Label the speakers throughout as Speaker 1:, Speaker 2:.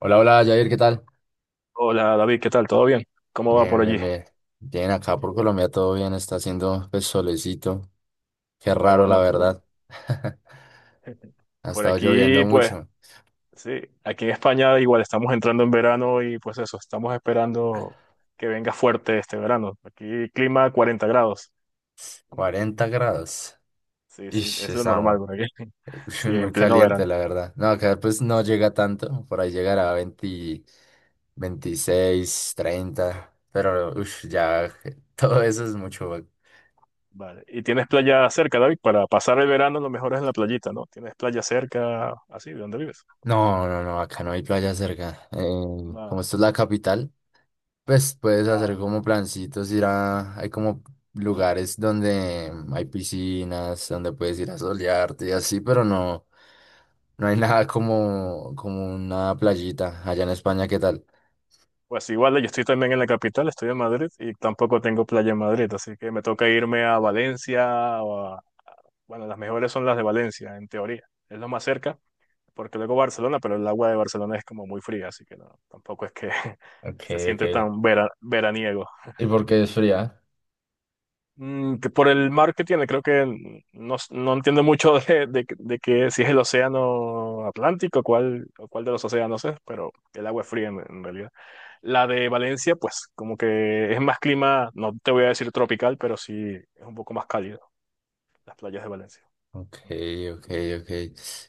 Speaker 1: Hola, hola, Jair, ¿qué tal?
Speaker 2: Hola David, ¿qué tal? ¿Todo bien? ¿Cómo va por
Speaker 1: Bien, bien,
Speaker 2: allí?
Speaker 1: bien. Bien, acá
Speaker 2: Qué
Speaker 1: por
Speaker 2: bueno,
Speaker 1: Colombia todo bien, está haciendo pues solecito. Qué
Speaker 2: qué
Speaker 1: raro, la
Speaker 2: bueno, qué bueno.
Speaker 1: verdad. Ha
Speaker 2: Por
Speaker 1: estado lloviendo
Speaker 2: aquí, pues,
Speaker 1: mucho,
Speaker 2: sí, aquí en España igual estamos entrando en verano y pues eso, estamos esperando que venga fuerte este verano. Aquí clima 40 grados.
Speaker 1: 40 grados.
Speaker 2: Sí, sí,
Speaker 1: Ish,
Speaker 2: es lo normal
Speaker 1: estamos
Speaker 2: por aquí. Sí,
Speaker 1: muy
Speaker 2: en pleno
Speaker 1: caliente,
Speaker 2: verano.
Speaker 1: la verdad. No, acá pues no
Speaker 2: Sí,
Speaker 1: llega tanto, por ahí llegará a 20, 26, 30, pero ush, ya todo eso es mucho.
Speaker 2: vale. ¿Y tienes playa cerca, David? Para pasar el verano lo mejor es en la playita, ¿no? ¿Tienes playa cerca, así, de donde vives?
Speaker 1: No, no, no, acá no hay playa cerca. Como esto es la capital. Pues puedes hacer como plancitos, hay como lugares donde hay piscinas, donde puedes ir a solearte y así, pero no, no hay nada como una playita allá en España, ¿qué tal?
Speaker 2: Pues igual, yo estoy también en la capital, estoy en Madrid y tampoco tengo playa en Madrid, así que me toca irme a Valencia o a Bueno, las mejores son las de Valencia, en teoría. Es lo más cerca, porque luego Barcelona, pero el agua de Barcelona es como muy fría, así que no, tampoco es que
Speaker 1: Ok,
Speaker 2: se
Speaker 1: ok.
Speaker 2: siente tan veraniego.
Speaker 1: ¿Y por qué es fría?
Speaker 2: Que por el mar que tiene, creo que no, no entiendo mucho de, que si es el océano Atlántico, cuál, o cuál de los océanos es, pero el agua es fría en realidad. La de Valencia, pues como que es más clima, no te voy a decir tropical, pero sí es un poco más cálido, las playas de Valencia.
Speaker 1: Ok, ok, ok.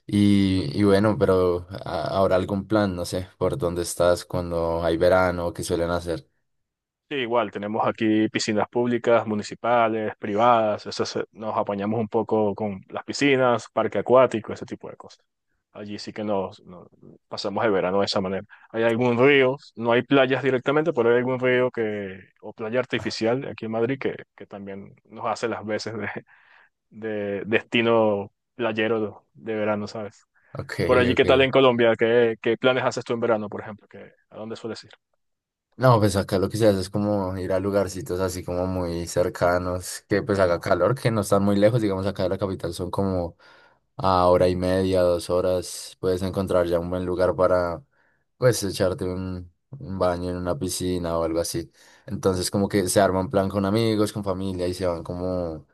Speaker 1: Y bueno, pero ¿habrá algún plan, no sé, por dónde estás cuando hay verano, qué suelen hacer?
Speaker 2: Sí, igual, tenemos aquí piscinas públicas, municipales, privadas, eso nos apañamos un poco con las piscinas, parque acuático, ese tipo de cosas. Allí sí que pasamos el verano de esa manera. Hay algún río, no hay playas directamente, pero hay algún río que, o playa artificial aquí en Madrid que, también nos hace las veces de destino playero de verano, ¿sabes?
Speaker 1: Ok,
Speaker 2: Por allí, ¿qué
Speaker 1: ok.
Speaker 2: tal en Colombia? ¿Qué planes haces tú en verano, por ejemplo? ¿A dónde sueles ir?
Speaker 1: No, pues acá lo que se hace es como ir a lugarcitos así como muy cercanos, que pues haga calor, que no están muy lejos, digamos acá de la capital son como a hora y media, 2 horas, puedes encontrar ya un buen lugar para pues echarte un baño en una piscina o algo así. Entonces como que se arma un plan con amigos, con familia y se van como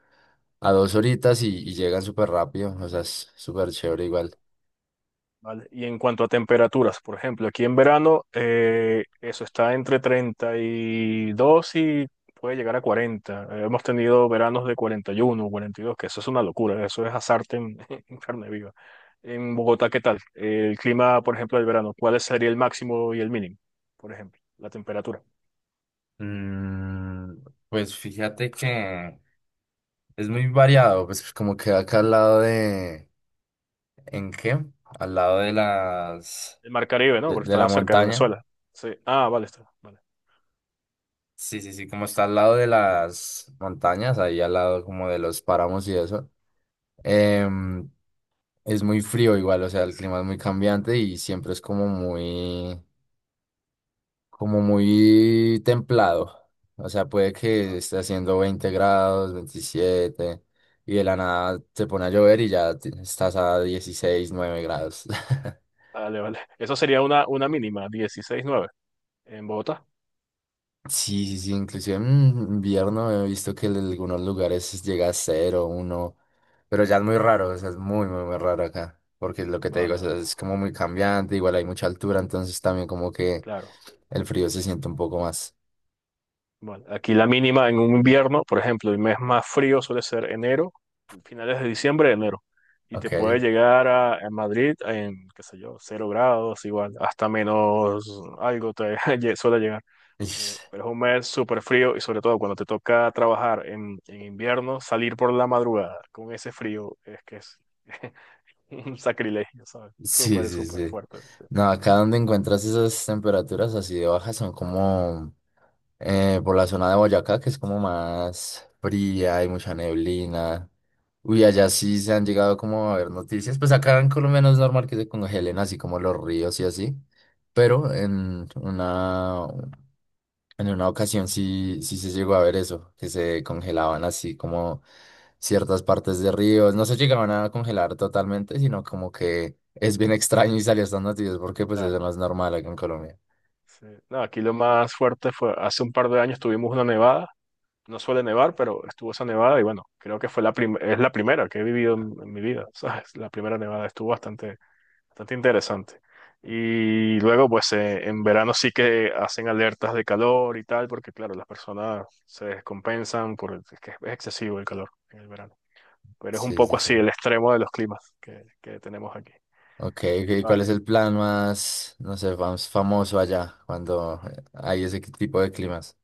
Speaker 1: a dos horitas y llegan súper rápido, o sea, es súper chévere igual.
Speaker 2: ¿Vale? Y en cuanto a temperaturas, por ejemplo, aquí en verano eso está entre 32 y puede llegar a 40. Hemos tenido veranos de 40, 41, 42, que eso es una locura, eso es asarte en, en carne viva. En Bogotá, ¿qué tal? El clima, por ejemplo, del verano, ¿cuál sería el máximo y el mínimo, por ejemplo? La temperatura.
Speaker 1: Mm, pues fíjate que es muy variado, pues como que acá al lado de... ¿En qué? Al lado de las...
Speaker 2: El Mar Caribe, ¿no?
Speaker 1: De,
Speaker 2: Porque
Speaker 1: de la
Speaker 2: está cerca de
Speaker 1: montaña.
Speaker 2: Venezuela. Sí. Ah, vale, está. Vale,
Speaker 1: Sí, sí, sí, como está al lado de las montañas, ahí al lado como de los páramos y eso. Em, es muy frío igual, o sea, el clima es muy cambiante y siempre es como muy templado. O sea, puede que
Speaker 2: Va-
Speaker 1: esté haciendo 20 grados, 27, y de la nada te pone a llover y ya estás a 16,9 grados.
Speaker 2: vale. Vale. Eso sería una, mínima, 16,9 en Bogotá.
Speaker 1: Sí, sí, sí, inclusive en invierno he visto que en algunos lugares llega a cero, uno, pero ya es muy
Speaker 2: Ah,
Speaker 1: raro, o sea,
Speaker 2: bueno.
Speaker 1: es muy, muy, muy raro acá, porque lo que te digo, o
Speaker 2: Vale,
Speaker 1: sea,
Speaker 2: vale.
Speaker 1: es como muy cambiante, igual hay mucha altura, entonces también como que
Speaker 2: Claro.
Speaker 1: el frío se siente un poco más.
Speaker 2: Bueno, aquí la mínima en un invierno, por ejemplo, el mes más frío suele ser enero, finales de diciembre, enero. Y
Speaker 1: Ok.
Speaker 2: te puede llegar a Madrid en, qué sé yo, 0 grados, igual, hasta menos algo te suele llegar.
Speaker 1: Ish.
Speaker 2: Pero es un mes súper frío y sobre todo cuando te toca trabajar en, invierno, salir por la madrugada con ese frío es que es un sacrilegio, ¿sabes?
Speaker 1: Sí,
Speaker 2: Súper,
Speaker 1: sí,
Speaker 2: súper
Speaker 1: sí.
Speaker 2: fuerte. Sí.
Speaker 1: No, acá donde encuentras esas temperaturas así de bajas son como por la zona de Boyacá, que es como más fría, hay mucha neblina. Uy, allá sí se han llegado como a ver noticias. Pues acá en Colombia no es normal que se congelen así como los ríos y así. Pero en una ocasión sí, sí se llegó a ver eso, que se congelaban así como ciertas partes de ríos. No se llegaban a congelar totalmente, sino como que es bien extraño y salió estas noticias porque pues eso no
Speaker 2: Claro.
Speaker 1: es normal acá en Colombia.
Speaker 2: Sí. No, aquí lo más fuerte fue hace un par de años tuvimos una nevada. No suele nevar, pero estuvo esa nevada y bueno, creo que fue la es la primera que he vivido en, mi vida, ¿sabes? La primera nevada estuvo bastante interesante. Y luego, pues en verano sí que hacen alertas de calor y tal, porque claro, las personas se descompensan porque es que es excesivo el calor en el verano. Pero es un
Speaker 1: Sí,
Speaker 2: poco
Speaker 1: sí, sí.
Speaker 2: así el extremo de los climas que tenemos aquí.
Speaker 1: Ok, ok, ¿cuál es
Speaker 2: Vale.
Speaker 1: el plan más, no sé, más famoso allá cuando hay ese tipo de climas?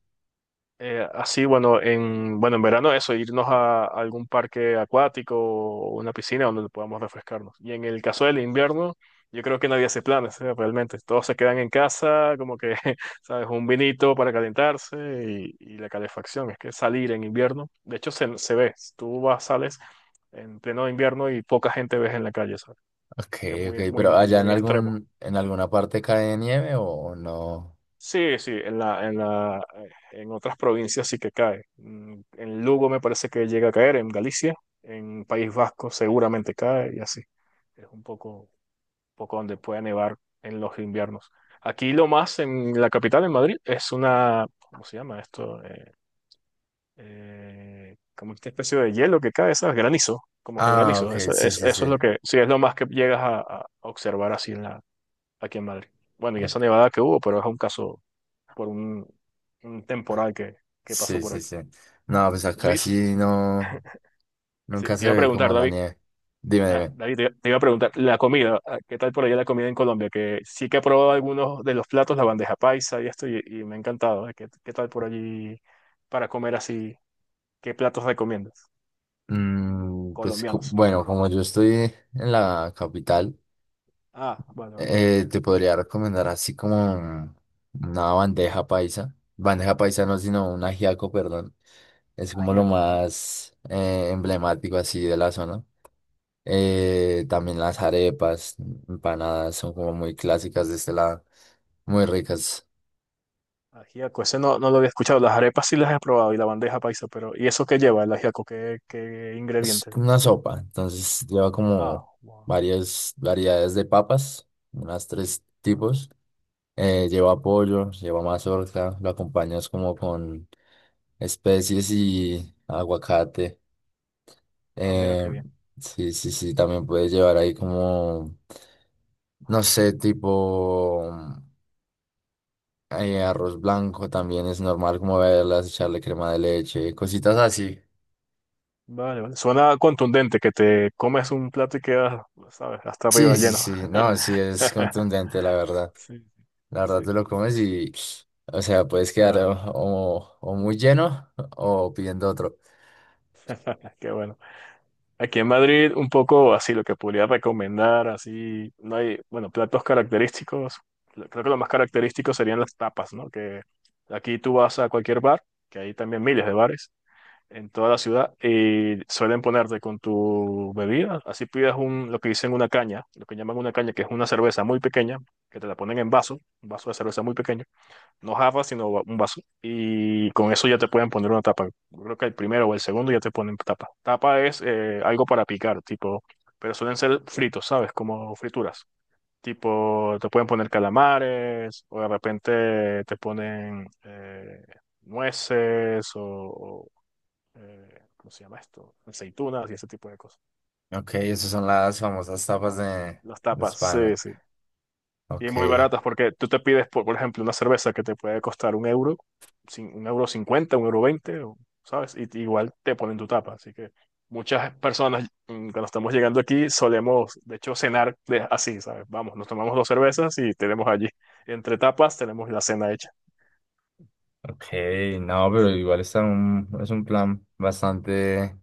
Speaker 2: Así, bueno, en, bueno, en verano eso, irnos a algún parque acuático o una piscina donde podamos refrescarnos. Y en el caso del invierno, yo creo que nadie hace planes, ¿eh? Realmente. Todos se quedan en casa, como que, ¿sabes? Un vinito para calentarse y la calefacción. Es que salir en invierno, de hecho, se ve. Tú vas, sales en pleno invierno y poca gente ves en la calle, ¿sabes?
Speaker 1: Ok,
Speaker 2: Que es
Speaker 1: ok,
Speaker 2: muy, muy,
Speaker 1: ¿pero allá
Speaker 2: muy extremo.
Speaker 1: en alguna parte cae nieve o no?
Speaker 2: Sí, sí, en otras provincias sí que cae. En Lugo me parece que llega a caer, en Galicia, en País Vasco seguramente cae y así. Es un poco donde puede nevar en los inviernos. Aquí lo más en la capital, en Madrid, es una, ¿cómo se llama esto? Como esta especie de hielo que cae, ¿sabes? Granizo, como que
Speaker 1: Ah, ok,
Speaker 2: granizo. Eso,
Speaker 1: sí, sí, sí.
Speaker 2: eso es lo que, sí, es lo más que llegas a observar así en aquí en Madrid. Bueno, y esa
Speaker 1: Ok,
Speaker 2: nevada que hubo, pero es un caso por un temporal que pasó
Speaker 1: sí,
Speaker 2: por
Speaker 1: sí,
Speaker 2: aquí.
Speaker 1: sí. No, pues acá
Speaker 2: David,
Speaker 1: sí no,
Speaker 2: sí,
Speaker 1: nunca
Speaker 2: te
Speaker 1: se
Speaker 2: iba a
Speaker 1: ve
Speaker 2: preguntar,
Speaker 1: como la
Speaker 2: David,
Speaker 1: nieve. Dime,
Speaker 2: ah,
Speaker 1: dime.
Speaker 2: David, te iba a preguntar, la comida, ah, ¿qué tal por allá la comida en Colombia? Que sí que he probado algunos de los platos, la bandeja paisa y esto, y me ha encantado. ¿Eh? ¿Qué tal por allí para comer así? ¿Qué platos recomiendas?
Speaker 1: Pues
Speaker 2: Colombianos.
Speaker 1: bueno, como yo estoy en la capital.
Speaker 2: Ah, vale, vale.
Speaker 1: Te podría recomendar así como una bandeja paisa. Bandeja paisa no, sino un ajiaco, perdón. Es como lo
Speaker 2: Ajiaco, vale,
Speaker 1: más emblemático así de la zona.
Speaker 2: vale,
Speaker 1: También las arepas, empanadas, son
Speaker 2: vale.
Speaker 1: como muy clásicas de este lado, muy ricas.
Speaker 2: Ajiaco, ese no, no lo había escuchado. Las arepas sí las he probado y la bandeja paisa, pero ¿y eso qué lleva el ajiaco? ¿Qué
Speaker 1: Es
Speaker 2: ingredientes
Speaker 1: una
Speaker 2: tiene?
Speaker 1: sopa, entonces lleva
Speaker 2: Ah,
Speaker 1: como
Speaker 2: wow.
Speaker 1: varias variedades de papas, unas tres tipos. Lleva pollo, lleva mazorca, lo acompañas como con especies y aguacate.
Speaker 2: Ah, mira
Speaker 1: Eh,
Speaker 2: qué bien.
Speaker 1: sí, sí, sí, también puedes llevar ahí como, no sé, tipo arroz blanco también es normal como verlas, echarle crema de leche, cositas así.
Speaker 2: Vale, vale. Suena contundente que te comes un plato y quedas, ¿sabes? Hasta
Speaker 1: Sí,
Speaker 2: arriba
Speaker 1: sí,
Speaker 2: lleno.
Speaker 1: sí, no, sí, es contundente, la verdad.
Speaker 2: Sí,
Speaker 1: La verdad,
Speaker 2: sí.
Speaker 1: te lo comes y, o sea, puedes quedar
Speaker 2: Ah,
Speaker 1: o, o muy lleno o pidiendo otro.
Speaker 2: qué bueno. Aquí en Madrid, un poco así, lo que podría recomendar, así, no hay, bueno, platos característicos. Creo que lo más característico serían las tapas, ¿no? Que aquí tú vas a cualquier bar, que hay también miles de bares, en toda la ciudad y suelen ponerte con tu bebida. Así pidas lo que dicen una caña, lo que llaman una caña, que es una cerveza muy pequeña, que te la ponen en vaso, un vaso de cerveza muy pequeño, no jarra, sino un vaso. Y con eso ya te pueden poner una tapa. Yo creo que el primero o el segundo ya te ponen tapa. Tapa es algo para picar, tipo, pero suelen ser fritos, ¿sabes? Como frituras. Tipo, te pueden poner calamares o de repente te ponen nueces o, ¿cómo se llama esto? Aceitunas y ese tipo de cosas.
Speaker 1: Ok, esas son las famosas tapas de,
Speaker 2: Las
Speaker 1: de
Speaker 2: tapas, sí,
Speaker 1: España.
Speaker 2: sí. Y
Speaker 1: Ok.
Speaker 2: muy baratas porque tú te pides, por ejemplo, una cerveza que te puede costar un euro, un euro cincuenta, un euro veinte, ¿sabes? Y igual te ponen tu tapa. Así que muchas personas, cuando estamos llegando aquí, solemos, de hecho, cenar así, ¿sabes? Vamos, nos tomamos dos cervezas y tenemos allí, entre tapas, tenemos la cena hecha.
Speaker 1: Ok, no, pero
Speaker 2: Sí.
Speaker 1: igual es un plan bastante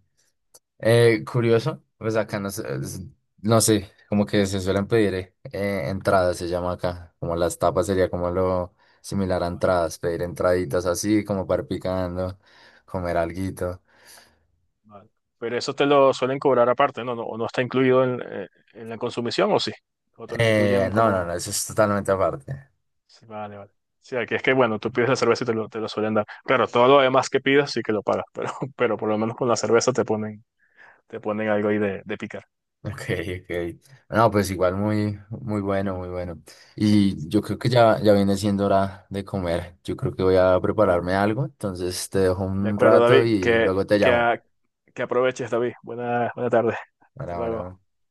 Speaker 1: curioso. Pues acá no sé, no sé, como que se suelen pedir entradas, se llama acá. Como las tapas sería como lo similar a entradas, pedir entraditas así, como para ir picando, comer alguito.
Speaker 2: Vale. Pero eso te lo suelen cobrar aparte, ¿no? No, o no está incluido en la consumición, ¿o sí? O te lo
Speaker 1: Eh,
Speaker 2: incluyen
Speaker 1: no, no,
Speaker 2: como.
Speaker 1: no, eso es totalmente aparte.
Speaker 2: Sí, vale, vale. Sí, aquí es que, bueno, tú pides la cerveza y te lo suelen dar. Claro, todo lo demás que pidas sí que lo pagas, pero, pero por lo menos con la cerveza te ponen algo ahí de, picar.
Speaker 1: Ok, ok. No, pues igual muy, muy bueno, muy bueno. Y yo creo que ya, ya viene siendo hora de comer. Yo creo que voy a
Speaker 2: Vale.
Speaker 1: prepararme algo, entonces te dejo
Speaker 2: De
Speaker 1: un
Speaker 2: acuerdo,
Speaker 1: rato
Speaker 2: David.
Speaker 1: y luego te
Speaker 2: Que,
Speaker 1: llamo.
Speaker 2: a- que aproveches, David. Buena tarde. Hasta
Speaker 1: Bueno, bueno.
Speaker 2: luego.